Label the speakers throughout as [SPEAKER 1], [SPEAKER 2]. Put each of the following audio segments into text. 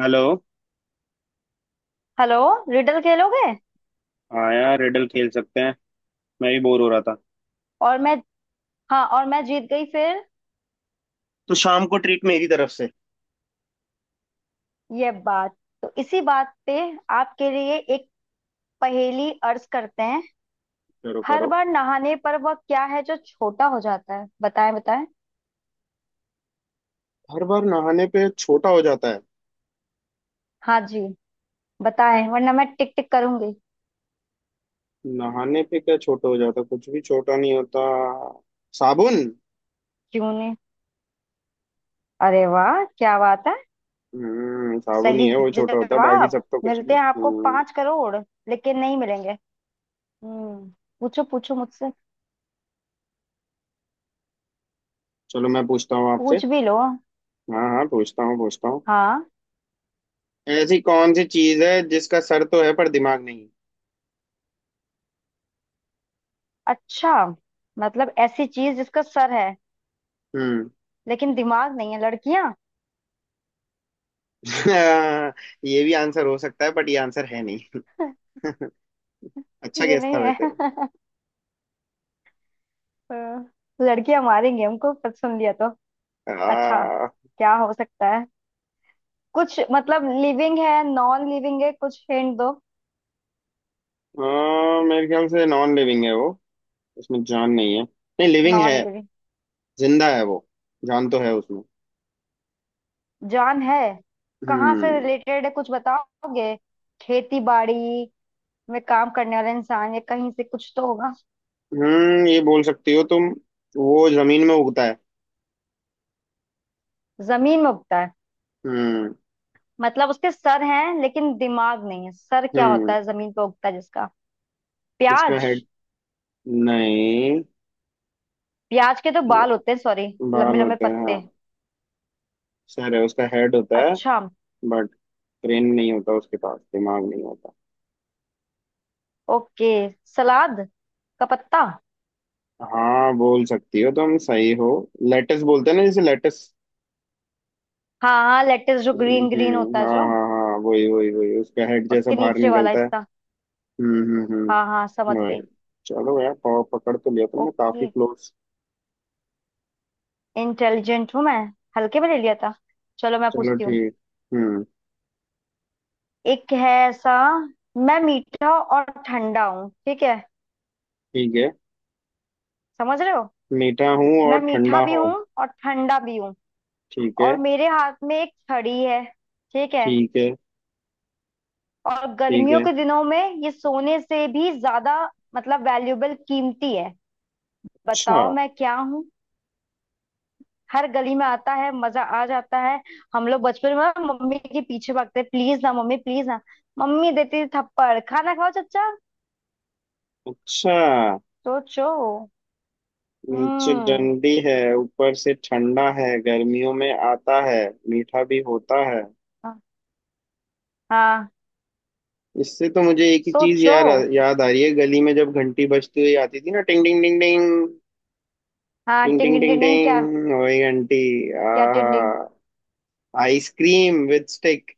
[SPEAKER 1] Hello.
[SPEAKER 2] Hello. Riddle खेलोगे।
[SPEAKER 1] हाँ यार, रिडल खेल सकते हैं। मैं भी बोर हो रहा था।
[SPEAKER 2] और मैं। हाँ और मैं जीत गई फिर।
[SPEAKER 1] तो शाम को ट्रीट मेरी तरफ से।
[SPEAKER 2] ये बात। तो इसी बात पे आपके लिए एक पहेली अर्ज करते हैं।
[SPEAKER 1] करो
[SPEAKER 2] हर
[SPEAKER 1] करो।
[SPEAKER 2] बार नहाने पर वह क्या है जो छोटा हो जाता है? बताएं बताएं।
[SPEAKER 1] हर बार नहाने पे छोटा हो जाता है?
[SPEAKER 2] हाँ जी। बताएं वरना मैं टिक टिक करूंगी।
[SPEAKER 1] नहाने पे क्या छोटा हो जाता, कुछ भी छोटा नहीं होता। साबुन।
[SPEAKER 2] क्यों नहीं। अरे वाह, क्या बात है।
[SPEAKER 1] साबुन ही
[SPEAKER 2] सही
[SPEAKER 1] है, वो छोटा होता है, बाकी
[SPEAKER 2] जवाब।
[SPEAKER 1] सब तो कुछ
[SPEAKER 2] मिलते
[SPEAKER 1] नहीं।
[SPEAKER 2] हैं आपको 5 करोड़। लेकिन नहीं मिलेंगे। हम्म पूछो पूछो मुझसे।
[SPEAKER 1] चलो मैं पूछता हूँ आपसे।
[SPEAKER 2] पूछ भी लो।
[SPEAKER 1] हाँ हाँ, पूछता हूँ।
[SPEAKER 2] हाँ।
[SPEAKER 1] ऐसी कौन सी चीज है जिसका सर तो है पर दिमाग नहीं?
[SPEAKER 2] अच्छा। मतलब ऐसी चीज जिसका सर है
[SPEAKER 1] हम्म।
[SPEAKER 2] लेकिन दिमाग नहीं है। लड़कियां।
[SPEAKER 1] ये भी आंसर हो सकता है बट ये आंसर है नहीं। अच्छा
[SPEAKER 2] ये
[SPEAKER 1] गेस
[SPEAKER 2] नहीं
[SPEAKER 1] था वैसे।
[SPEAKER 2] है। हाँ, लड़कियां मारेंगे हमको पर सुन लिया तो। अच्छा,
[SPEAKER 1] आ,
[SPEAKER 2] क्या हो सकता है? कुछ मतलब लिविंग है, नॉन लिविंग है? कुछ हिंट दो।
[SPEAKER 1] हाँ मेरे ख्याल से नॉन लिविंग है वो। उसमें जान नहीं है। नहीं, लिविंग है।
[SPEAKER 2] Non living.
[SPEAKER 1] जिंदा है वो, जान तो है उसमें।
[SPEAKER 2] जान है। कहाँ से
[SPEAKER 1] हम्म।
[SPEAKER 2] रिलेटेड है कुछ बताओगे? खेती बाड़ी में काम करने वाला इंसान या कहीं से कुछ तो होगा।
[SPEAKER 1] ये बोल सकती हो तुम। वो जमीन में उगता है।
[SPEAKER 2] जमीन में उगता है।
[SPEAKER 1] हम्म।
[SPEAKER 2] मतलब उसके सर हैं लेकिन दिमाग नहीं है। सर क्या होता
[SPEAKER 1] हम्म।
[SPEAKER 2] है जमीन पे उगता है जिसका?
[SPEAKER 1] किसका
[SPEAKER 2] प्याज।
[SPEAKER 1] हेड? नहीं।
[SPEAKER 2] प्याज के तो बाल होते हैं, सॉरी। लंबे
[SPEAKER 1] बाल
[SPEAKER 2] लंबे
[SPEAKER 1] होते हैं, हाँ।
[SPEAKER 2] पत्ते।
[SPEAKER 1] सर है, उसका हेड होता है।
[SPEAKER 2] अच्छा।
[SPEAKER 1] बट ब्रेन नहीं होता, उसके पास दिमाग नहीं होता।
[SPEAKER 2] ओके। सलाद का पत्ता।
[SPEAKER 1] हाँ, बोल सकती हो तुम, सही हो। लेटस बोलते हैं ना, जैसे लेटस।
[SPEAKER 2] हाँ हाँ, लेटेस जो ग्रीन ग्रीन होता है
[SPEAKER 1] हाँ
[SPEAKER 2] जो
[SPEAKER 1] हाँ हाँ, वही वही वही उसका हेड जैसा
[SPEAKER 2] उसके
[SPEAKER 1] बाहर
[SPEAKER 2] नीचे वाला
[SPEAKER 1] निकलता है।
[SPEAKER 2] हिस्सा। हाँ हाँ,
[SPEAKER 1] हम्म।
[SPEAKER 2] समझ गई।
[SPEAKER 1] Right. चलो यार, पाव पकड़ तो लिया तुमने, काफी
[SPEAKER 2] ओके,
[SPEAKER 1] क्लोज।
[SPEAKER 2] इंटेलिजेंट हूँ मैं। हल्के में ले लिया था। चलो मैं
[SPEAKER 1] चलो
[SPEAKER 2] पूछती हूँ।
[SPEAKER 1] ठीक। हम्म।
[SPEAKER 2] एक है ऐसा। मैं मीठा और ठंडा हूँ, ठीक है?
[SPEAKER 1] ठीक है।
[SPEAKER 2] समझ रहे हो?
[SPEAKER 1] मीठा हूँ और
[SPEAKER 2] मैं मीठा
[SPEAKER 1] ठंडा
[SPEAKER 2] भी हूँ
[SPEAKER 1] हूँ।
[SPEAKER 2] और ठंडा भी हूँ।
[SPEAKER 1] ठीक है।
[SPEAKER 2] और मेरे हाथ में एक छड़ी है, ठीक है?
[SPEAKER 1] ठीक है।
[SPEAKER 2] और
[SPEAKER 1] ठीक
[SPEAKER 2] गर्मियों
[SPEAKER 1] है।
[SPEAKER 2] के दिनों में ये सोने से भी ज्यादा, मतलब वैल्यूबल, कीमती है।
[SPEAKER 1] अच्छा।
[SPEAKER 2] बताओ मैं क्या हूँ। हर गली में आता है, मजा आ जाता है। हम लोग बचपन में ना मम्मी के पीछे भागते, प्लीज ना मम्मी प्लीज ना। मम्मी देती थी थप्पड़, खाना खाओ चुपचाप।
[SPEAKER 1] अच्छा,
[SPEAKER 2] सोचो।
[SPEAKER 1] नीचे
[SPEAKER 2] हम्म
[SPEAKER 1] डंडी है, ऊपर से ठंडा है, गर्मियों में आता है, मीठा भी होता है।
[SPEAKER 2] हाँ। हाँ,
[SPEAKER 1] इससे तो मुझे एक ही चीज
[SPEAKER 2] सोचो।
[SPEAKER 1] यार याद आ रही है। गली में जब घंटी बजती हुई आती थी ना, टिंग टिंग टिंग टिंग।
[SPEAKER 2] हाँ,
[SPEAKER 1] टिंग
[SPEAKER 2] टिंग
[SPEAKER 1] टिंग
[SPEAKER 2] टिंग
[SPEAKER 1] टिंग
[SPEAKER 2] टिंग टिंग, क्या?
[SPEAKER 1] टिंग, वही घंटी।
[SPEAKER 2] क्या
[SPEAKER 1] आहा।
[SPEAKER 2] टिंग टिंग?
[SPEAKER 1] Ice cream with stick.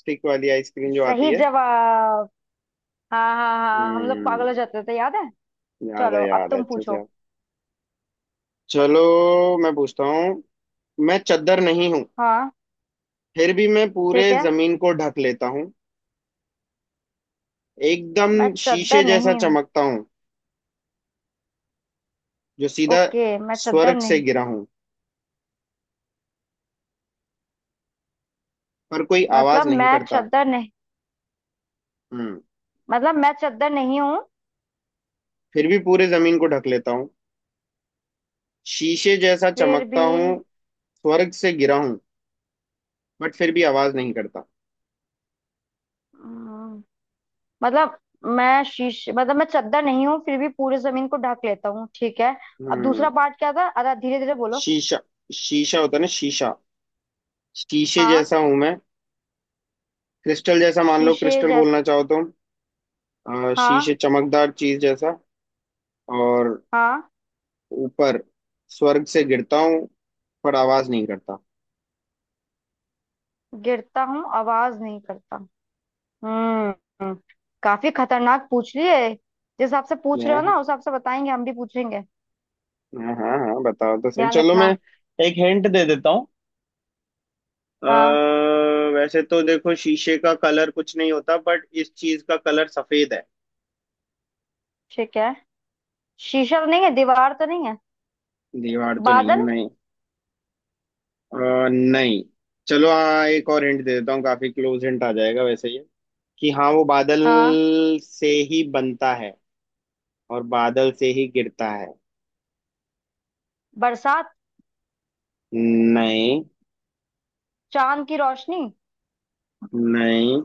[SPEAKER 1] स्टिक वाली आइसक्रीम जो आती
[SPEAKER 2] सही
[SPEAKER 1] है।
[SPEAKER 2] जवाब। हाँ हाँ हाँ, हम लोग
[SPEAKER 1] हम्म।
[SPEAKER 2] पागल हो जाते थे, याद है।
[SPEAKER 1] याद है
[SPEAKER 2] चलो अब
[SPEAKER 1] याद है,
[SPEAKER 2] तुम
[SPEAKER 1] अच्छे से
[SPEAKER 2] पूछो।
[SPEAKER 1] याद। चलो, मैं पूछता हूँ। मैं चद्दर नहीं हूँ,
[SPEAKER 2] हाँ
[SPEAKER 1] फिर भी मैं
[SPEAKER 2] ठीक
[SPEAKER 1] पूरे
[SPEAKER 2] है।
[SPEAKER 1] जमीन को ढक लेता हूँ। एकदम
[SPEAKER 2] मैं
[SPEAKER 1] शीशे
[SPEAKER 2] चद्दर
[SPEAKER 1] जैसा
[SPEAKER 2] नहीं हूँ।
[SPEAKER 1] चमकता हूँ। जो सीधा
[SPEAKER 2] ओके मैं चद्दर
[SPEAKER 1] स्वर्ग से
[SPEAKER 2] नहीं।
[SPEAKER 1] गिरा हूँ, पर कोई आवाज
[SPEAKER 2] मतलब
[SPEAKER 1] नहीं
[SPEAKER 2] मैं
[SPEAKER 1] करता।
[SPEAKER 2] चद्दर नहीं।
[SPEAKER 1] हम्म।
[SPEAKER 2] मतलब मैं चद्दर नहीं हूँ।
[SPEAKER 1] फिर भी पूरे जमीन को ढक लेता हूँ, शीशे जैसा
[SPEAKER 2] फिर
[SPEAKER 1] चमकता
[SPEAKER 2] भी।
[SPEAKER 1] हूँ, स्वर्ग से गिरा हूँ, बट फिर भी आवाज नहीं करता।
[SPEAKER 2] हम्म, मतलब मैं शीश मतलब मैं चद्दर नहीं हूँ फिर भी पूरे जमीन को ढक लेता हूँ, ठीक है। अब दूसरा
[SPEAKER 1] हम्म।
[SPEAKER 2] पार्ट क्या था? अरे धीरे धीरे बोलो।
[SPEAKER 1] शीशा, शीशा होता है ना, शीशा। शीशे
[SPEAKER 2] हाँ।
[SPEAKER 1] जैसा हूं मैं। क्रिस्टल जैसा, मान लो
[SPEAKER 2] शीशे
[SPEAKER 1] क्रिस्टल
[SPEAKER 2] जैसे।
[SPEAKER 1] बोलना चाहो तो।
[SPEAKER 2] हाँ।
[SPEAKER 1] शीशे चमकदार चीज जैसा। और
[SPEAKER 2] हाँ।
[SPEAKER 1] ऊपर स्वर्ग से गिरता हूँ, पर आवाज नहीं करता।
[SPEAKER 2] गिरता हूँ आवाज नहीं करता। हम्म हम्म, काफी खतरनाक पूछ लिए। जिस हिसाब से पूछ रहे हो ना,
[SPEAKER 1] हाँ।
[SPEAKER 2] उस हिसाब से बताएंगे। हम भी पूछेंगे,
[SPEAKER 1] हाँ हाँ हाँ, बताओ तो सही।
[SPEAKER 2] ध्यान
[SPEAKER 1] चलो मैं
[SPEAKER 2] रखना।
[SPEAKER 1] एक हिंट दे देता हूँ। अ,
[SPEAKER 2] हाँ।
[SPEAKER 1] वैसे तो देखो शीशे का कलर कुछ नहीं होता, बट इस चीज का कलर सफेद है।
[SPEAKER 2] ठीक है। शीशा तो नहीं है, दीवार तो नहीं है?
[SPEAKER 1] दीवार तो नहीं है,
[SPEAKER 2] बादल?
[SPEAKER 1] नहीं। नहीं। चलो हाँ, एक और हिंट दे देता हूँ, काफी क्लोज हिंट आ जाएगा वैसे ये। कि हाँ, वो बादल
[SPEAKER 2] हाँ।
[SPEAKER 1] से ही बनता है और बादल से ही गिरता है।
[SPEAKER 2] बरसात?
[SPEAKER 1] नहीं।
[SPEAKER 2] चांद की रोशनी?
[SPEAKER 1] नहीं,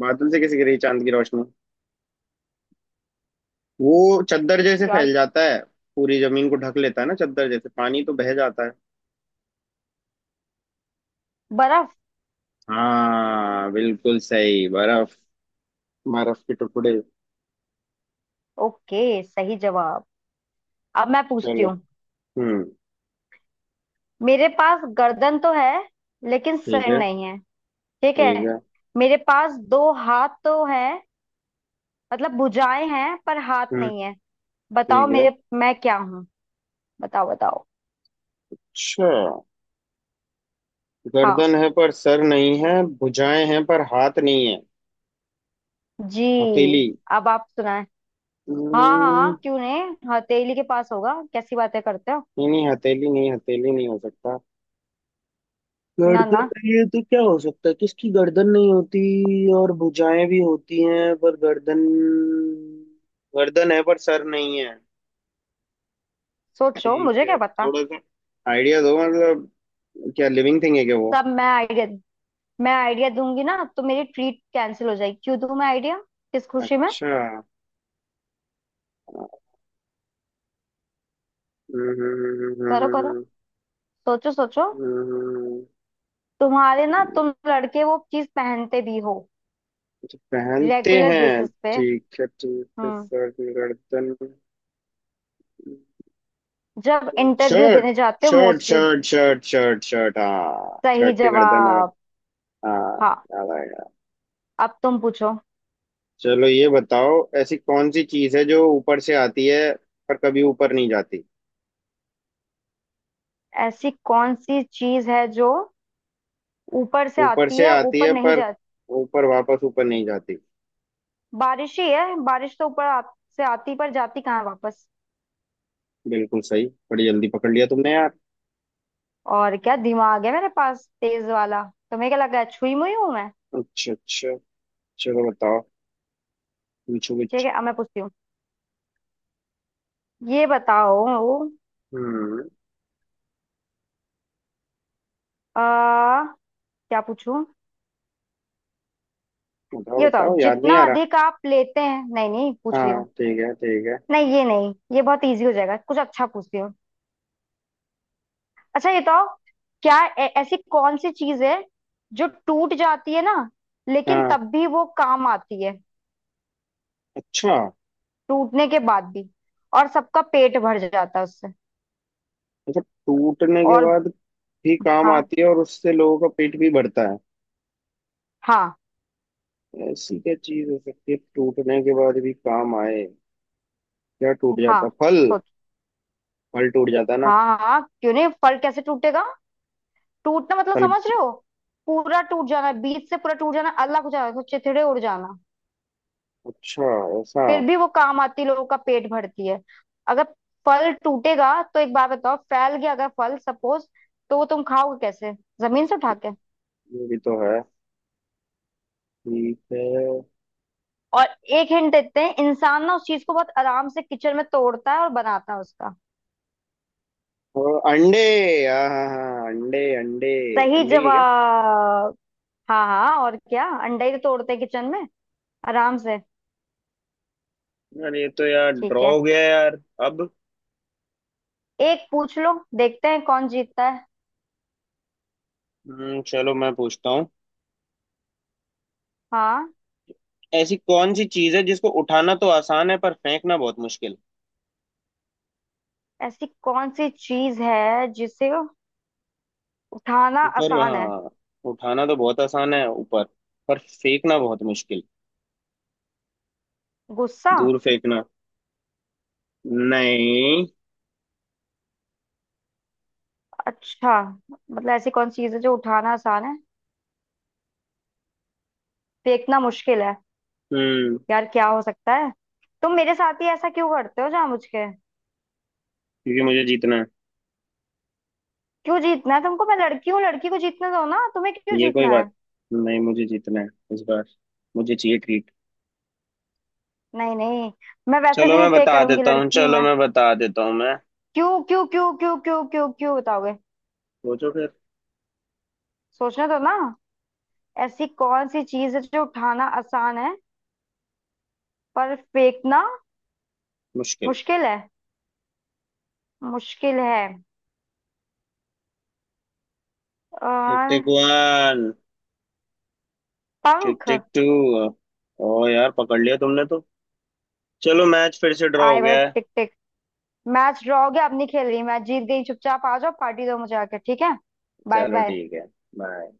[SPEAKER 1] बादल से कैसे गिरी चांद की रोशनी। वो चद्दर जैसे
[SPEAKER 2] यार।
[SPEAKER 1] फैल जाता है, पूरी जमीन को ढक लेता है ना, चद्दर जैसे। पानी तो बह जाता है।
[SPEAKER 2] बर्फ।
[SPEAKER 1] हाँ बिल्कुल सही, बर्फ। बर्फ के टुकड़े।
[SPEAKER 2] ओके, सही जवाब। अब मैं पूछती
[SPEAKER 1] चलो।
[SPEAKER 2] हूँ।
[SPEAKER 1] हम्म।
[SPEAKER 2] मेरे पास गर्दन तो है लेकिन
[SPEAKER 1] ठीक
[SPEAKER 2] सर
[SPEAKER 1] है।
[SPEAKER 2] नहीं है, ठीक
[SPEAKER 1] ठीक
[SPEAKER 2] है?
[SPEAKER 1] है।
[SPEAKER 2] मेरे पास दो हाथ तो है, मतलब भुजाएं हैं, पर हाथ
[SPEAKER 1] हम्म।
[SPEAKER 2] नहीं है। बताओ
[SPEAKER 1] ठीक है।
[SPEAKER 2] मेरे, मैं क्या हूँ? बताओ बताओ।
[SPEAKER 1] अच्छा,
[SPEAKER 2] हाँ
[SPEAKER 1] गर्दन है पर सर नहीं है, भुजाएं हैं पर हाथ नहीं है।
[SPEAKER 2] जी।
[SPEAKER 1] हथेली।
[SPEAKER 2] अब आप सुनाए। हाँ
[SPEAKER 1] हम्म,
[SPEAKER 2] हाँ क्यों नहीं, हथेली के पास होगा? कैसी बातें करते हो।
[SPEAKER 1] नहीं नहीं, हथेली नहीं, हथेली नहीं हो सकता।
[SPEAKER 2] ना
[SPEAKER 1] गर्दन
[SPEAKER 2] ना,
[SPEAKER 1] नहीं है तो क्या हो सकता है, किसकी गर्दन नहीं होती? और भुजाएं भी होती हैं पर गर्दन, गर्दन है पर सर नहीं है।
[SPEAKER 2] सोचो,
[SPEAKER 1] ठीक
[SPEAKER 2] मुझे क्या
[SPEAKER 1] है,
[SPEAKER 2] पता।
[SPEAKER 1] थोड़ा सा आइडिया दो, मतलब क्या लिविंग थिंग है क्या वो?
[SPEAKER 2] सब मैं आइडिया दूंगी ना तो मेरी ट्रीट कैंसिल हो जाएगी, क्यों दूं मैं आइडिया? किस खुशी में।
[SPEAKER 1] अच्छा।
[SPEAKER 2] करो करो,
[SPEAKER 1] हम्म।
[SPEAKER 2] सोचो सोचो। तुम्हारे ना, तुम लड़के वो चीज पहनते भी हो,
[SPEAKER 1] अच्छा, पहनते
[SPEAKER 2] रेगुलर
[SPEAKER 1] हैं।
[SPEAKER 2] बेसिस पे।
[SPEAKER 1] ठीक है ठीक है,
[SPEAKER 2] हम्म
[SPEAKER 1] सर गर्दन।
[SPEAKER 2] जब इंटरव्यू
[SPEAKER 1] शर्ट
[SPEAKER 2] देने जाते हो
[SPEAKER 1] shirt
[SPEAKER 2] mostly.
[SPEAKER 1] Shirt shirt shirt shirt हाँ,
[SPEAKER 2] सही
[SPEAKER 1] शर्ट के गर्दन, हाँ।
[SPEAKER 2] जवाब।
[SPEAKER 1] हाँ,
[SPEAKER 2] हाँ,
[SPEAKER 1] याद आएगा।
[SPEAKER 2] अब तुम पूछो।
[SPEAKER 1] चलो, ये बताओ, ऐसी कौन सी चीज है जो ऊपर से आती है पर कभी ऊपर नहीं जाती?
[SPEAKER 2] ऐसी कौन सी चीज है जो ऊपर से
[SPEAKER 1] ऊपर
[SPEAKER 2] आती
[SPEAKER 1] से
[SPEAKER 2] है,
[SPEAKER 1] आती
[SPEAKER 2] ऊपर
[SPEAKER 1] है
[SPEAKER 2] नहीं
[SPEAKER 1] पर
[SPEAKER 2] जाती?
[SPEAKER 1] ऊपर, वापस ऊपर नहीं जाती।
[SPEAKER 2] बारिश ही है, बारिश तो ऊपर से आती पर जाती कहाँ है वापस।
[SPEAKER 1] बिल्कुल सही, बड़ी जल्दी पकड़ लिया तुमने यार।
[SPEAKER 2] और क्या, दिमाग है मेरे पास तेज वाला। तुम्हें क्या लगा छुई मुई हूं मैं?
[SPEAKER 1] अच्छा अच्छा। चलो बताओ, पूछो
[SPEAKER 2] ठीक
[SPEAKER 1] कुछ।
[SPEAKER 2] है अब मैं पूछती हूँ। ये बताओ।
[SPEAKER 1] हम्म।
[SPEAKER 2] आ, क्या पूछूं? ये
[SPEAKER 1] बताओ
[SPEAKER 2] बताओ
[SPEAKER 1] बताओ, याद नहीं
[SPEAKER 2] जितना
[SPEAKER 1] आ रहा।
[SPEAKER 2] अधिक आप लेते हैं, नहीं नहीं, पूछ रही
[SPEAKER 1] हाँ
[SPEAKER 2] हूँ।
[SPEAKER 1] ठीक है ठीक है।
[SPEAKER 2] नहीं ये नहीं, ये बहुत इजी हो जाएगा, कुछ अच्छा पूछती हूँ। अच्छा ये बताओ, ऐसी कौन सी चीज है जो टूट जाती है ना, लेकिन
[SPEAKER 1] हाँ।
[SPEAKER 2] तब भी वो काम आती है।
[SPEAKER 1] अच्छा।
[SPEAKER 2] टूटने के बाद भी, और सबका पेट भर जाता है उससे।
[SPEAKER 1] अच्छा टूटने के
[SPEAKER 2] और
[SPEAKER 1] बाद भी काम
[SPEAKER 2] हाँ
[SPEAKER 1] आती है और उससे लोगों का पेट भी भरता है।
[SPEAKER 2] हाँ
[SPEAKER 1] ऐसी क्या चीज हो सकती है, टूटने के बाद भी काम आए? क्या टूट जाता
[SPEAKER 2] हाँ
[SPEAKER 1] है? फल। फल टूट जाता है ना।
[SPEAKER 2] हाँ हाँ क्यों नहीं, फल कैसे टूटेगा? टूटना मतलब
[SPEAKER 1] फल।
[SPEAKER 2] समझ रहे हो, पूरा टूट जाना, बीच से पूरा टूट जाना, अलग हो जाना, तो चिथड़े उड़ जाना।
[SPEAKER 1] अच्छा। ऐसा।
[SPEAKER 2] फिर भी वो काम आती, लोगों का पेट भरती है। अगर फल टूटेगा तो एक बात बताओ, फैल गया अगर फल सपोज, तो वो तुम खाओगे कैसे? जमीन से उठा के।
[SPEAKER 1] ये भी तो है। ठीक है।
[SPEAKER 2] और एक हिंट देते हैं, इंसान ना उस चीज को बहुत आराम से किचन में तोड़ता है और बनाता है उसका।
[SPEAKER 1] और अंडे, हाँ हाँ हाँ, अंडे अंडे।
[SPEAKER 2] सही
[SPEAKER 1] अंडे ही है क्या?
[SPEAKER 2] जवाब। हाँ हाँ, और क्या, अंडा ही तो तोड़ते हैं किचन में आराम से।
[SPEAKER 1] यार ये तो यार
[SPEAKER 2] ठीक
[SPEAKER 1] ड्रॉ
[SPEAKER 2] है।
[SPEAKER 1] हो गया यार अब।
[SPEAKER 2] एक पूछ लो, देखते हैं कौन जीतता है।
[SPEAKER 1] चलो मैं पूछता हूँ।
[SPEAKER 2] हाँ।
[SPEAKER 1] ऐसी कौन सी चीज है जिसको उठाना तो आसान है पर फेंकना बहुत मुश्किल?
[SPEAKER 2] ऐसी कौन सी चीज है जिसे उठाना
[SPEAKER 1] ऊपर
[SPEAKER 2] आसान है?
[SPEAKER 1] हाँ, उठाना तो बहुत आसान है, ऊपर। पर फेंकना बहुत मुश्किल,
[SPEAKER 2] गुस्सा।
[SPEAKER 1] दूर फेंकना। नहीं।
[SPEAKER 2] अच्छा, मतलब ऐसी कौन सी चीज है जो उठाना आसान है, फेंकना मुश्किल है।
[SPEAKER 1] हम्म।
[SPEAKER 2] यार क्या हो सकता है? तुम मेरे साथ ही ऐसा क्यों करते हो जामुझ के?
[SPEAKER 1] क्योंकि मुझे जीतना है।
[SPEAKER 2] क्यों जीतना है तुमको, मैं लड़की हूँ, लड़की को जीतने दो ना, तुम्हें क्यों
[SPEAKER 1] ये कोई
[SPEAKER 2] जीतना है?
[SPEAKER 1] बात नहीं, मुझे जीतना है इस बार, मुझे चाहिए ट्रीट।
[SPEAKER 2] नहीं नहीं, मैं वैसे
[SPEAKER 1] चलो
[SPEAKER 2] भी नहीं
[SPEAKER 1] मैं
[SPEAKER 2] पे
[SPEAKER 1] बता
[SPEAKER 2] करूंगी,
[SPEAKER 1] देता हूँ,
[SPEAKER 2] लड़की हूँ
[SPEAKER 1] चलो
[SPEAKER 2] मैं।
[SPEAKER 1] मैं बता देता हूँ मैं।
[SPEAKER 2] क्यों क्यों क्यों क्यों क्यों क्यों क्यों बताओगे?
[SPEAKER 1] सोचो फिर।
[SPEAKER 2] सोचने दो ना। ऐसी कौन सी चीज है जो उठाना आसान है पर फेंकना
[SPEAKER 1] मुश्किल।
[SPEAKER 2] मुश्किल है, मुश्किल है।
[SPEAKER 1] टिक
[SPEAKER 2] और
[SPEAKER 1] टिक वन। टिक
[SPEAKER 2] पंख।
[SPEAKER 1] Tick two. ओ यार, पकड़ लिया तुमने तो। चलो मैच फिर से ड्रॉ हो
[SPEAKER 2] आए बड़े
[SPEAKER 1] गया है।
[SPEAKER 2] Tick tick. मैच ड्रॉ हो गया, अब नहीं खेल रही, मैं जीत गई, चुपचाप आ जाओ, पार्टी दो मुझे आके, ठीक है? बाय
[SPEAKER 1] चलो
[SPEAKER 2] बाय।
[SPEAKER 1] ठीक है। बाय।